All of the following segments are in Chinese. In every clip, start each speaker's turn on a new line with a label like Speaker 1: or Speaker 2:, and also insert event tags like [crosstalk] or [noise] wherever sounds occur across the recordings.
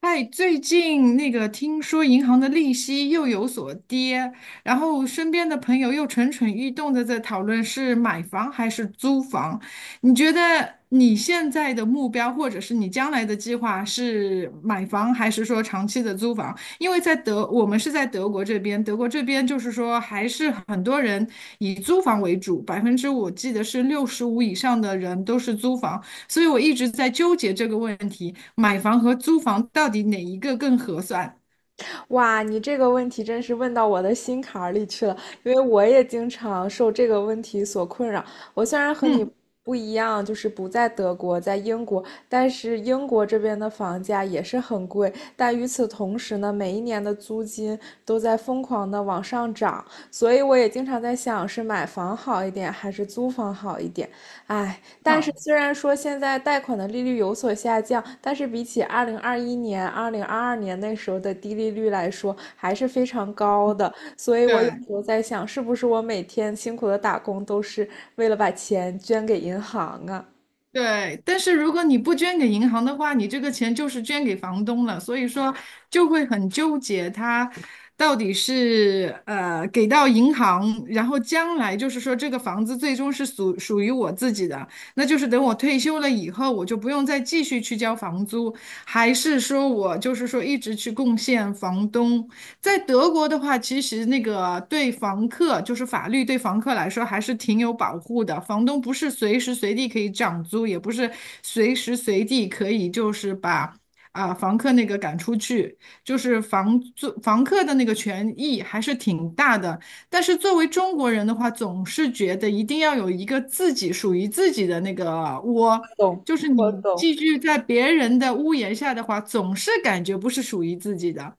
Speaker 1: 哎，最近那个听说银行的利息又有所跌，然后身边的朋友又蠢蠢欲动的在讨论是买房还是租房。你觉得你现在的目标或者是你将来的计划是买房还是说长期的租房？因为在德，我们是在德国这边，德国这边就是说还是很多人以租房为主，百分之我记得是65以上的人都是租房。所以我一直在纠结这个问题，买房和租房到底哪一个更合算？
Speaker 2: 哇，你这个问题真是问到我的心坎儿里去了，因为我也经常受这个问题所困扰。我虽然和你
Speaker 1: 嗯
Speaker 2: 不一样，就是不在德国，在英国，但是英国这边的房价也是很贵，但与此同时呢，每一年的租金都在疯狂的往上涨，所以我也经常在想，是买房好一点，还是租房好一点？哎，但是
Speaker 1: 嗯，
Speaker 2: 虽然说现在贷款的利率有所下降，但是比起2021年、2022年那时候的低利率来说，还是非常高的。所以我有
Speaker 1: 对
Speaker 2: 时候在想，是不是我每天辛苦的打工都是为了把钱捐给银行啊？
Speaker 1: 对。但是如果你不捐给银行的话，你这个钱就是捐给房东了，所以说就会很纠结，它到底是给到银行，然后将来就是说这个房子最终是属于我自己的，那就是等我退休了以后，我就不用再继续去交房租，还是说我就是说一直去贡献房东。在德国的话，其实那个对房客，就是法律对房客来说还是挺有保护的。房东不是随时随地可以涨租，也不是随时随地可以就是把房客那个赶出去，就是房客的那个权益还是挺大的。但是作为中国人的话，总是觉得一定要有一个自己属于自己的那个窝。
Speaker 2: 懂，
Speaker 1: 就是
Speaker 2: 我
Speaker 1: 你
Speaker 2: 懂。
Speaker 1: 寄居在别人的屋檐下的话，总是感觉不是属于自己的。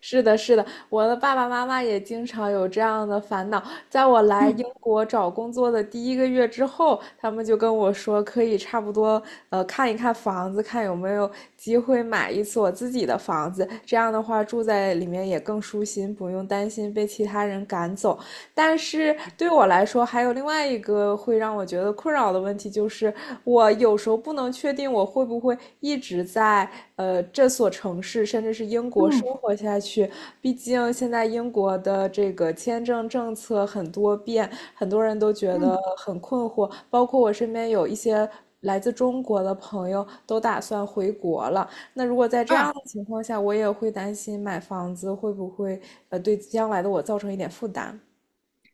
Speaker 2: 是的，是的，我的爸爸妈妈也经常有这样的烦恼。在我来英
Speaker 1: 嗯
Speaker 2: 国找工作的第一个月之后，他们就跟我说，可以差不多，看一看房子，看有没有机会买一次我自己的房子。这样的话，住在里面也更舒心，不用担心被其他人赶走。但是对我来说，还有另外一个会让我觉得困扰的问题，就是我有时候不能确定我会不会一直在这所城市，甚至是英国生
Speaker 1: 嗯，
Speaker 2: 活下去。毕竟现在英国的这个签证政策很多变，很多人都觉得
Speaker 1: 嗯
Speaker 2: 很困惑，包括我身边有一些。来自中国的朋友都打算回国了。那如果在这样
Speaker 1: 啊，
Speaker 2: 的情况下，我也会担心买房子会不会对将来的我造成一点负担。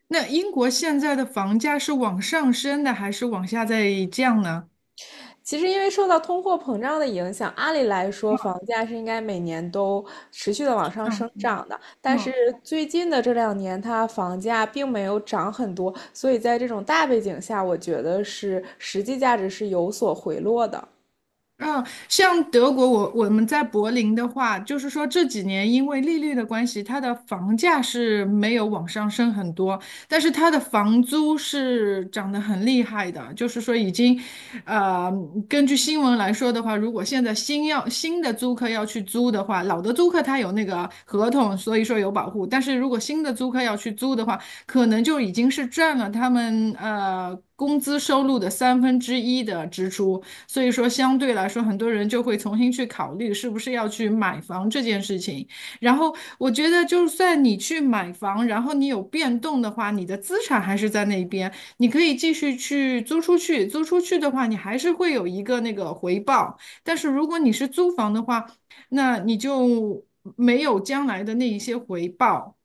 Speaker 1: 那英国现在的房价是往上升的还是往下在降呢？
Speaker 2: 其实，因为受到通货膨胀的影响，按理来说，房价是应该每年都持续的往上
Speaker 1: 嗯
Speaker 2: 生长的。但是
Speaker 1: 嗯
Speaker 2: 最近的这两年，它房价并没有涨很多，所以在这种大背景下，我觉得是实际价值是有所回落的。
Speaker 1: 嗯，像德国，我们在柏林的话，就是说这几年因为利率的关系，它的房价是没有往上升很多，但是它的房租是涨得很厉害的，就是说已经，呃，根据新闻来说的话，如果现在新的租客要去租的话，老的租客他有那个合同，所以说有保护，但是如果新的租客要去租的话，可能就已经是占了他们工资收入的三分之一的支出。所以说，相对来说，很多人就会重新去考虑是不是要去买房这件事情。然后，我觉得就算你去买房，然后你有变动的话，你的资产还是在那边，你可以继续去租出去。租出去的话，你还是会有一个那个回报。但是如果你是租房的话，那你就没有将来的那一些回报，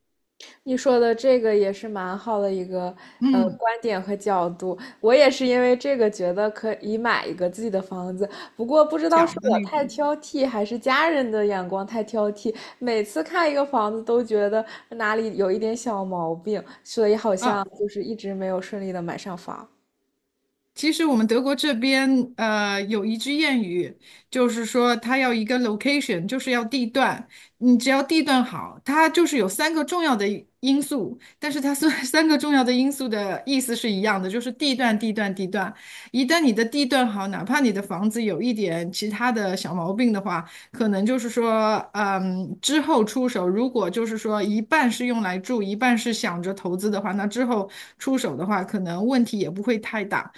Speaker 2: 你说的这个也是蛮好的一个
Speaker 1: 嗯，
Speaker 2: 观点和角度，我也是因为这个觉得可以买一个自己的房子，不过不知道
Speaker 1: 小
Speaker 2: 是
Speaker 1: 的
Speaker 2: 我
Speaker 1: 那
Speaker 2: 太
Speaker 1: 种
Speaker 2: 挑剔，还是家人的眼光太挑剔，每次看一个房子都觉得哪里有一点小毛病，所以好像
Speaker 1: 啊。
Speaker 2: 就是一直没有顺利的买上房。
Speaker 1: 其实我们德国这边，有一句谚语，就是说它要一个 location，就是要地段。你只要地段好，它就是有三个重要的因素，但是它虽然 [laughs] 三个重要的因素的意思是一样的，就是地段、地段、地段。一旦你的地段好，哪怕你的房子有一点其他的小毛病的话，可能就是说，嗯，之后出手，如果就是说一半是用来住，一半是想着投资的话，那之后出手的话，可能问题也不会太大。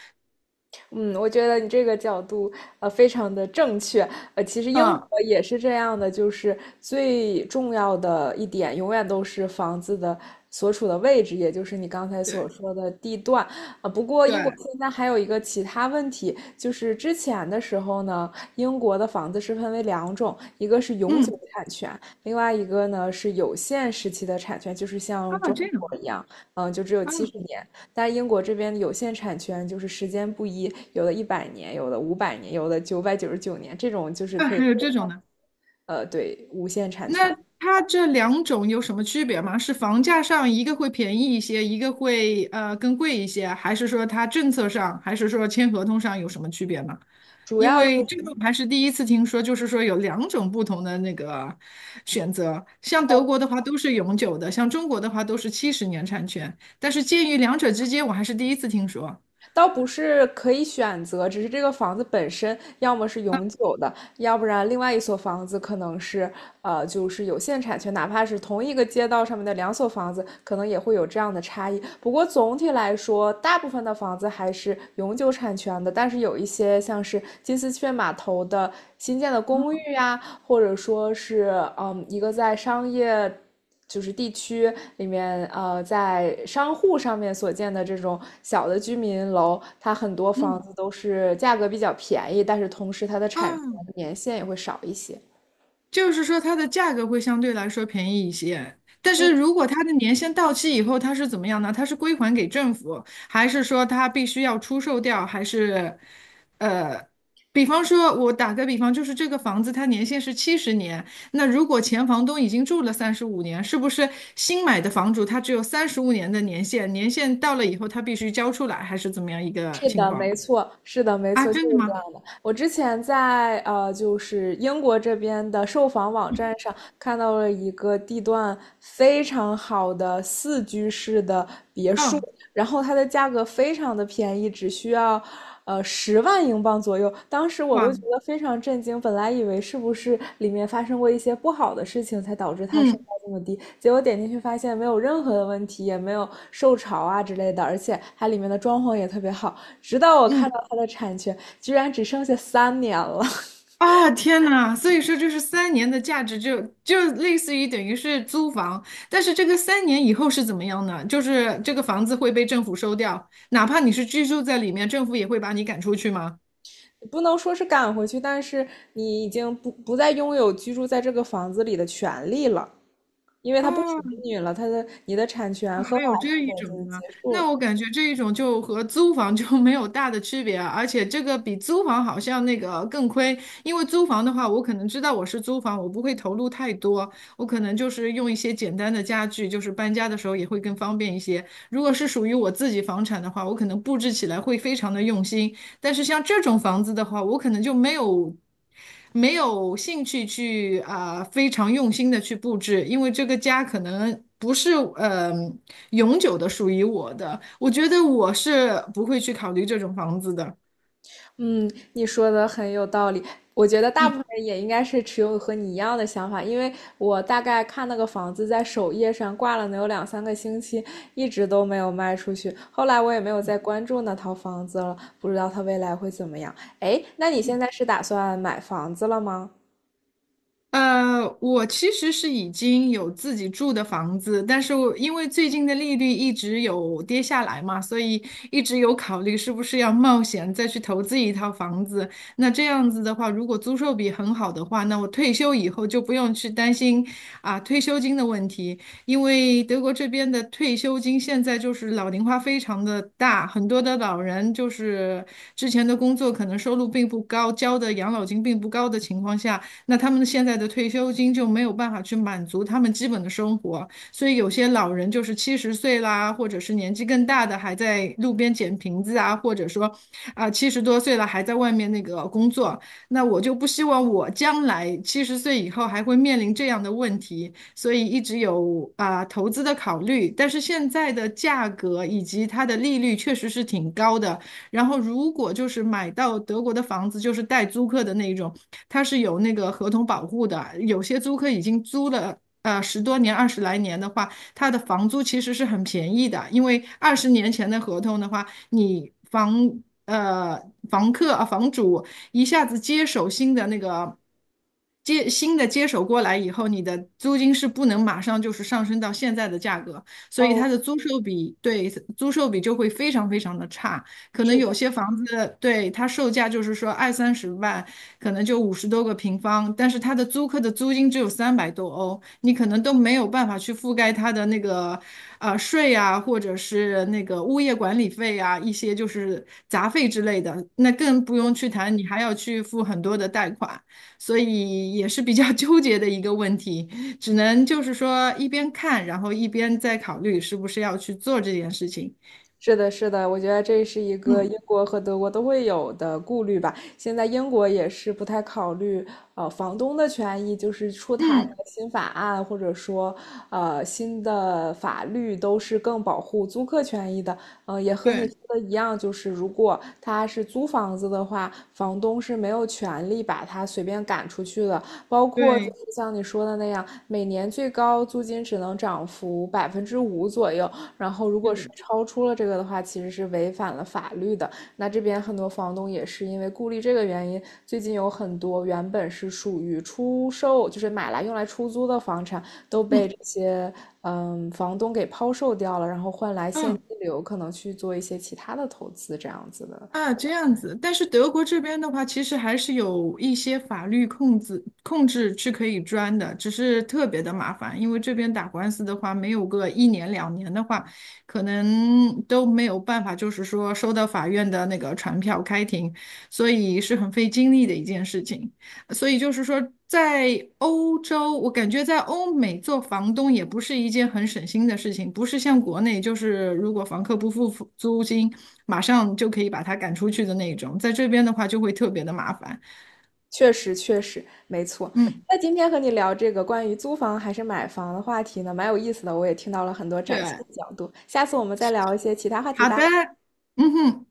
Speaker 2: 嗯，我觉得你这个角度非常的正确。其实英
Speaker 1: 嗯，
Speaker 2: 国也是这样的，就是最重要的一点永远都是房子的所处的位置，也就是你刚才所
Speaker 1: 对
Speaker 2: 说的地段。啊，不过英国
Speaker 1: 对，
Speaker 2: 现在还有一个其他问题，就是之前的时候呢，英国的房子是分为两种，一个是永久
Speaker 1: 嗯，
Speaker 2: 产权，另外一个呢是有限时期的产权，就是像
Speaker 1: 啊，
Speaker 2: 中
Speaker 1: 这样
Speaker 2: 国一样，嗯，就只有
Speaker 1: 啊
Speaker 2: 70年。但英国这边有限产权就是时间不一，有的100年，有的500年，有的999年，这种就是
Speaker 1: 啊，
Speaker 2: 可以，
Speaker 1: 还有这种呢？
Speaker 2: 对，无限产权。
Speaker 1: 那它这两种有什么区别吗？是房价上一个会便宜一些，一个会更贵一些，还是说它政策上，还是说签合同上有什么区别吗？
Speaker 2: 主
Speaker 1: 因
Speaker 2: 要
Speaker 1: 为
Speaker 2: 就
Speaker 1: 这个我还是第一次听说，就是说有两种不同的那个选择。像德国的话都是永久的，像中国的话都是七十年产权，但是介于两者之间，我还是第一次听说。
Speaker 2: 倒不是可以选择，只是这个房子本身要么是永久的，要不然另外一所房子可能是就是有限产权，哪怕是同一个街道上面的两所房子，可能也会有这样的差异。不过总体来说，大部分的房子还是永久产权的，但是有一些像是金丝雀码头的新建的公寓呀、或者说是一个在商业。就是地区里面，在商户上面所建的这种小的居民楼，它很多房
Speaker 1: 嗯。
Speaker 2: 子都是价格比较便宜，但是同时它的产权
Speaker 1: 啊。
Speaker 2: 年限也会少一些。
Speaker 1: 就是说它的价格会相对来说便宜一些，但是如果它的年限到期以后，它是怎么样呢？它是归还给政府，还是说它必须要出售掉，还是呃，比方说，我打个比方，就是这个房子它年限是七十年，那如果前房东已经住了三十五年，是不是新买的房主他只有三十五年的年限？年限到了以后，他必须交出来，还是怎么样一个
Speaker 2: 是
Speaker 1: 情
Speaker 2: 的，
Speaker 1: 况
Speaker 2: 没错，是的，没
Speaker 1: 啊？
Speaker 2: 错，就是
Speaker 1: 真的
Speaker 2: 这样
Speaker 1: 吗？
Speaker 2: 的。我之前在就是英国这边的售房网站上看到了一个地段非常好的4居室的别墅，
Speaker 1: 哦，
Speaker 2: 然后它的价格非常的便宜，只需要10万英镑左右。当时我都
Speaker 1: 哇，
Speaker 2: 觉得非常震惊，本来以为是不是里面发生过一些不好的事情才导致它售价
Speaker 1: 嗯
Speaker 2: 这么低，结果点进去发现没有任何的问题，也没有受潮啊之类的，而且它里面的装潢也特别好。直到我看
Speaker 1: 嗯
Speaker 2: 到它的产权居然只剩下3年了。[laughs]
Speaker 1: 啊，天呐！所以说，就是三年的价值就类似于等于是租房，但是这个三年以后是怎么样呢？就是这个房子会被政府收掉，哪怕你是居住在里面，政府也会把你赶出去吗？
Speaker 2: 不能说是赶回去，但是你已经不再拥有居住在这个房子里的权利了。因为它不
Speaker 1: 啊，
Speaker 2: 属于你了，它的你的产权合
Speaker 1: 还
Speaker 2: 法
Speaker 1: 有
Speaker 2: 产
Speaker 1: 这一
Speaker 2: 权已
Speaker 1: 种
Speaker 2: 经
Speaker 1: 呢？
Speaker 2: 结束了。
Speaker 1: 那我感觉这一种就和租房就没有大的区别啊，而且这个比租房好像那个更亏，因为租房的话，我可能知道我是租房，我不会投入太多，我可能就是用一些简单的家具，就是搬家的时候也会更方便一些。如果是属于我自己房产的话，我可能布置起来会非常的用心，但是像这种房子的话，我可能就没有兴趣去非常用心的去布置，因为这个家可能不是永久的属于我的。我觉得我是不会去考虑这种房子的。
Speaker 2: 嗯，你说的很有道理，我觉得大部
Speaker 1: 嗯。
Speaker 2: 分人也应该是持有和你一样的想法，因为我大概看那个房子在首页上挂了能有2,3个星期，一直都没有卖出去，后来我也没有再关注那套房子了，不知道它未来会怎么样。哎，那你现在是打算买房子了吗？
Speaker 1: 我其实是已经有自己住的房子，但是我因为最近的利率一直有跌下来嘛，所以一直有考虑是不是要冒险再去投资一套房子。那这样子的话，如果租售比很好的话，那我退休以后就不用去担心退休金的问题，因为德国这边的退休金现在就是老龄化非常的大，很多的老人就是之前的工作可能收入并不高，交的养老金并不高的情况下。那他们现在的退休金就没有办法去满足他们基本的生活，所以有些老人就是七十岁啦，或者是年纪更大的还在路边捡瓶子啊，或者说70多岁了还在外面那个工作，那我就不希望我将来七十岁以后还会面临这样的问题，所以一直有投资的考虑，但是现在的价格以及它的利率确实是挺高的。然后如果就是买到德国的房子，就是带租客的那种，它是有那个合同保护的。有些租客已经租了。10多年、20来年的话，它的房租其实是很便宜的，因为20年前的合同的话，你房呃房客啊房主一下子接手新的那个接新的接手过来以后，你的租金是不能马上就是上升到现在的价格，所以它的租售比就会非常非常的差。可能有些房子，对，它售价就是说二三十万，可能就50多个平方，但是它的租客的租金只有300多欧，你可能都没有办法去覆盖它的那个税啊，或者是那个物业管理费啊，一些就是杂费之类的，那更不用去谈，你还要去付很多的贷款，所以也是比较 [laughs] 纠结的一个问题，只能就是说一边看，然后一边再考虑是不是要去做这件事情。
Speaker 2: 是的，是的，我觉得这是一个英
Speaker 1: 嗯
Speaker 2: 国和德国都会有的顾虑吧。现在英国也是不太考虑房东的权益，就是出台
Speaker 1: 嗯，
Speaker 2: 的新法案或者说新的法律都是更保护租客权益的。也和你
Speaker 1: 对。
Speaker 2: 说的一样，就是如果他是租房子的话，房东是没有权利把他随便赶出去的。包括就
Speaker 1: 对，
Speaker 2: 是像你说的那样，每年最高租金只能涨幅5%左右。然后，如
Speaker 1: 是
Speaker 2: 果
Speaker 1: 的，
Speaker 2: 是超出了这个的话，其实是违反了法律的。那这边很多房东也是因为顾虑这个原因，最近有很多原本是属于出售，就是买来用来出租的房产，都被
Speaker 1: 嗯
Speaker 2: 这些房东给抛售掉了，然后换来现
Speaker 1: 嗯
Speaker 2: 金流，可能去做一些其他的投资，这样子的。
Speaker 1: 啊，这样子。但是德国这边的话，其实还是有一些法律控制是可以钻的，只是特别的麻烦，因为这边打官司的话，没有个一年两年的话，可能都没有办法，就是说收到法院的那个传票开庭，所以是很费精力的一件事情。所以就是说，在欧洲，我感觉在欧美做房东也不是一件很省心的事情，不是像国内，就是如果房客不付租金，马上就可以把他赶出去的那种。在这边的话，就会特别的麻烦。
Speaker 2: 确实，确实，没错。
Speaker 1: 嗯，
Speaker 2: 那今天和你聊这个关于租房还是买房的话题呢，蛮有意思的，我也听到了很多崭新
Speaker 1: 对，
Speaker 2: 的角度。下次我们再聊一些其他话题
Speaker 1: 好
Speaker 2: 吧。
Speaker 1: 的，嗯哼。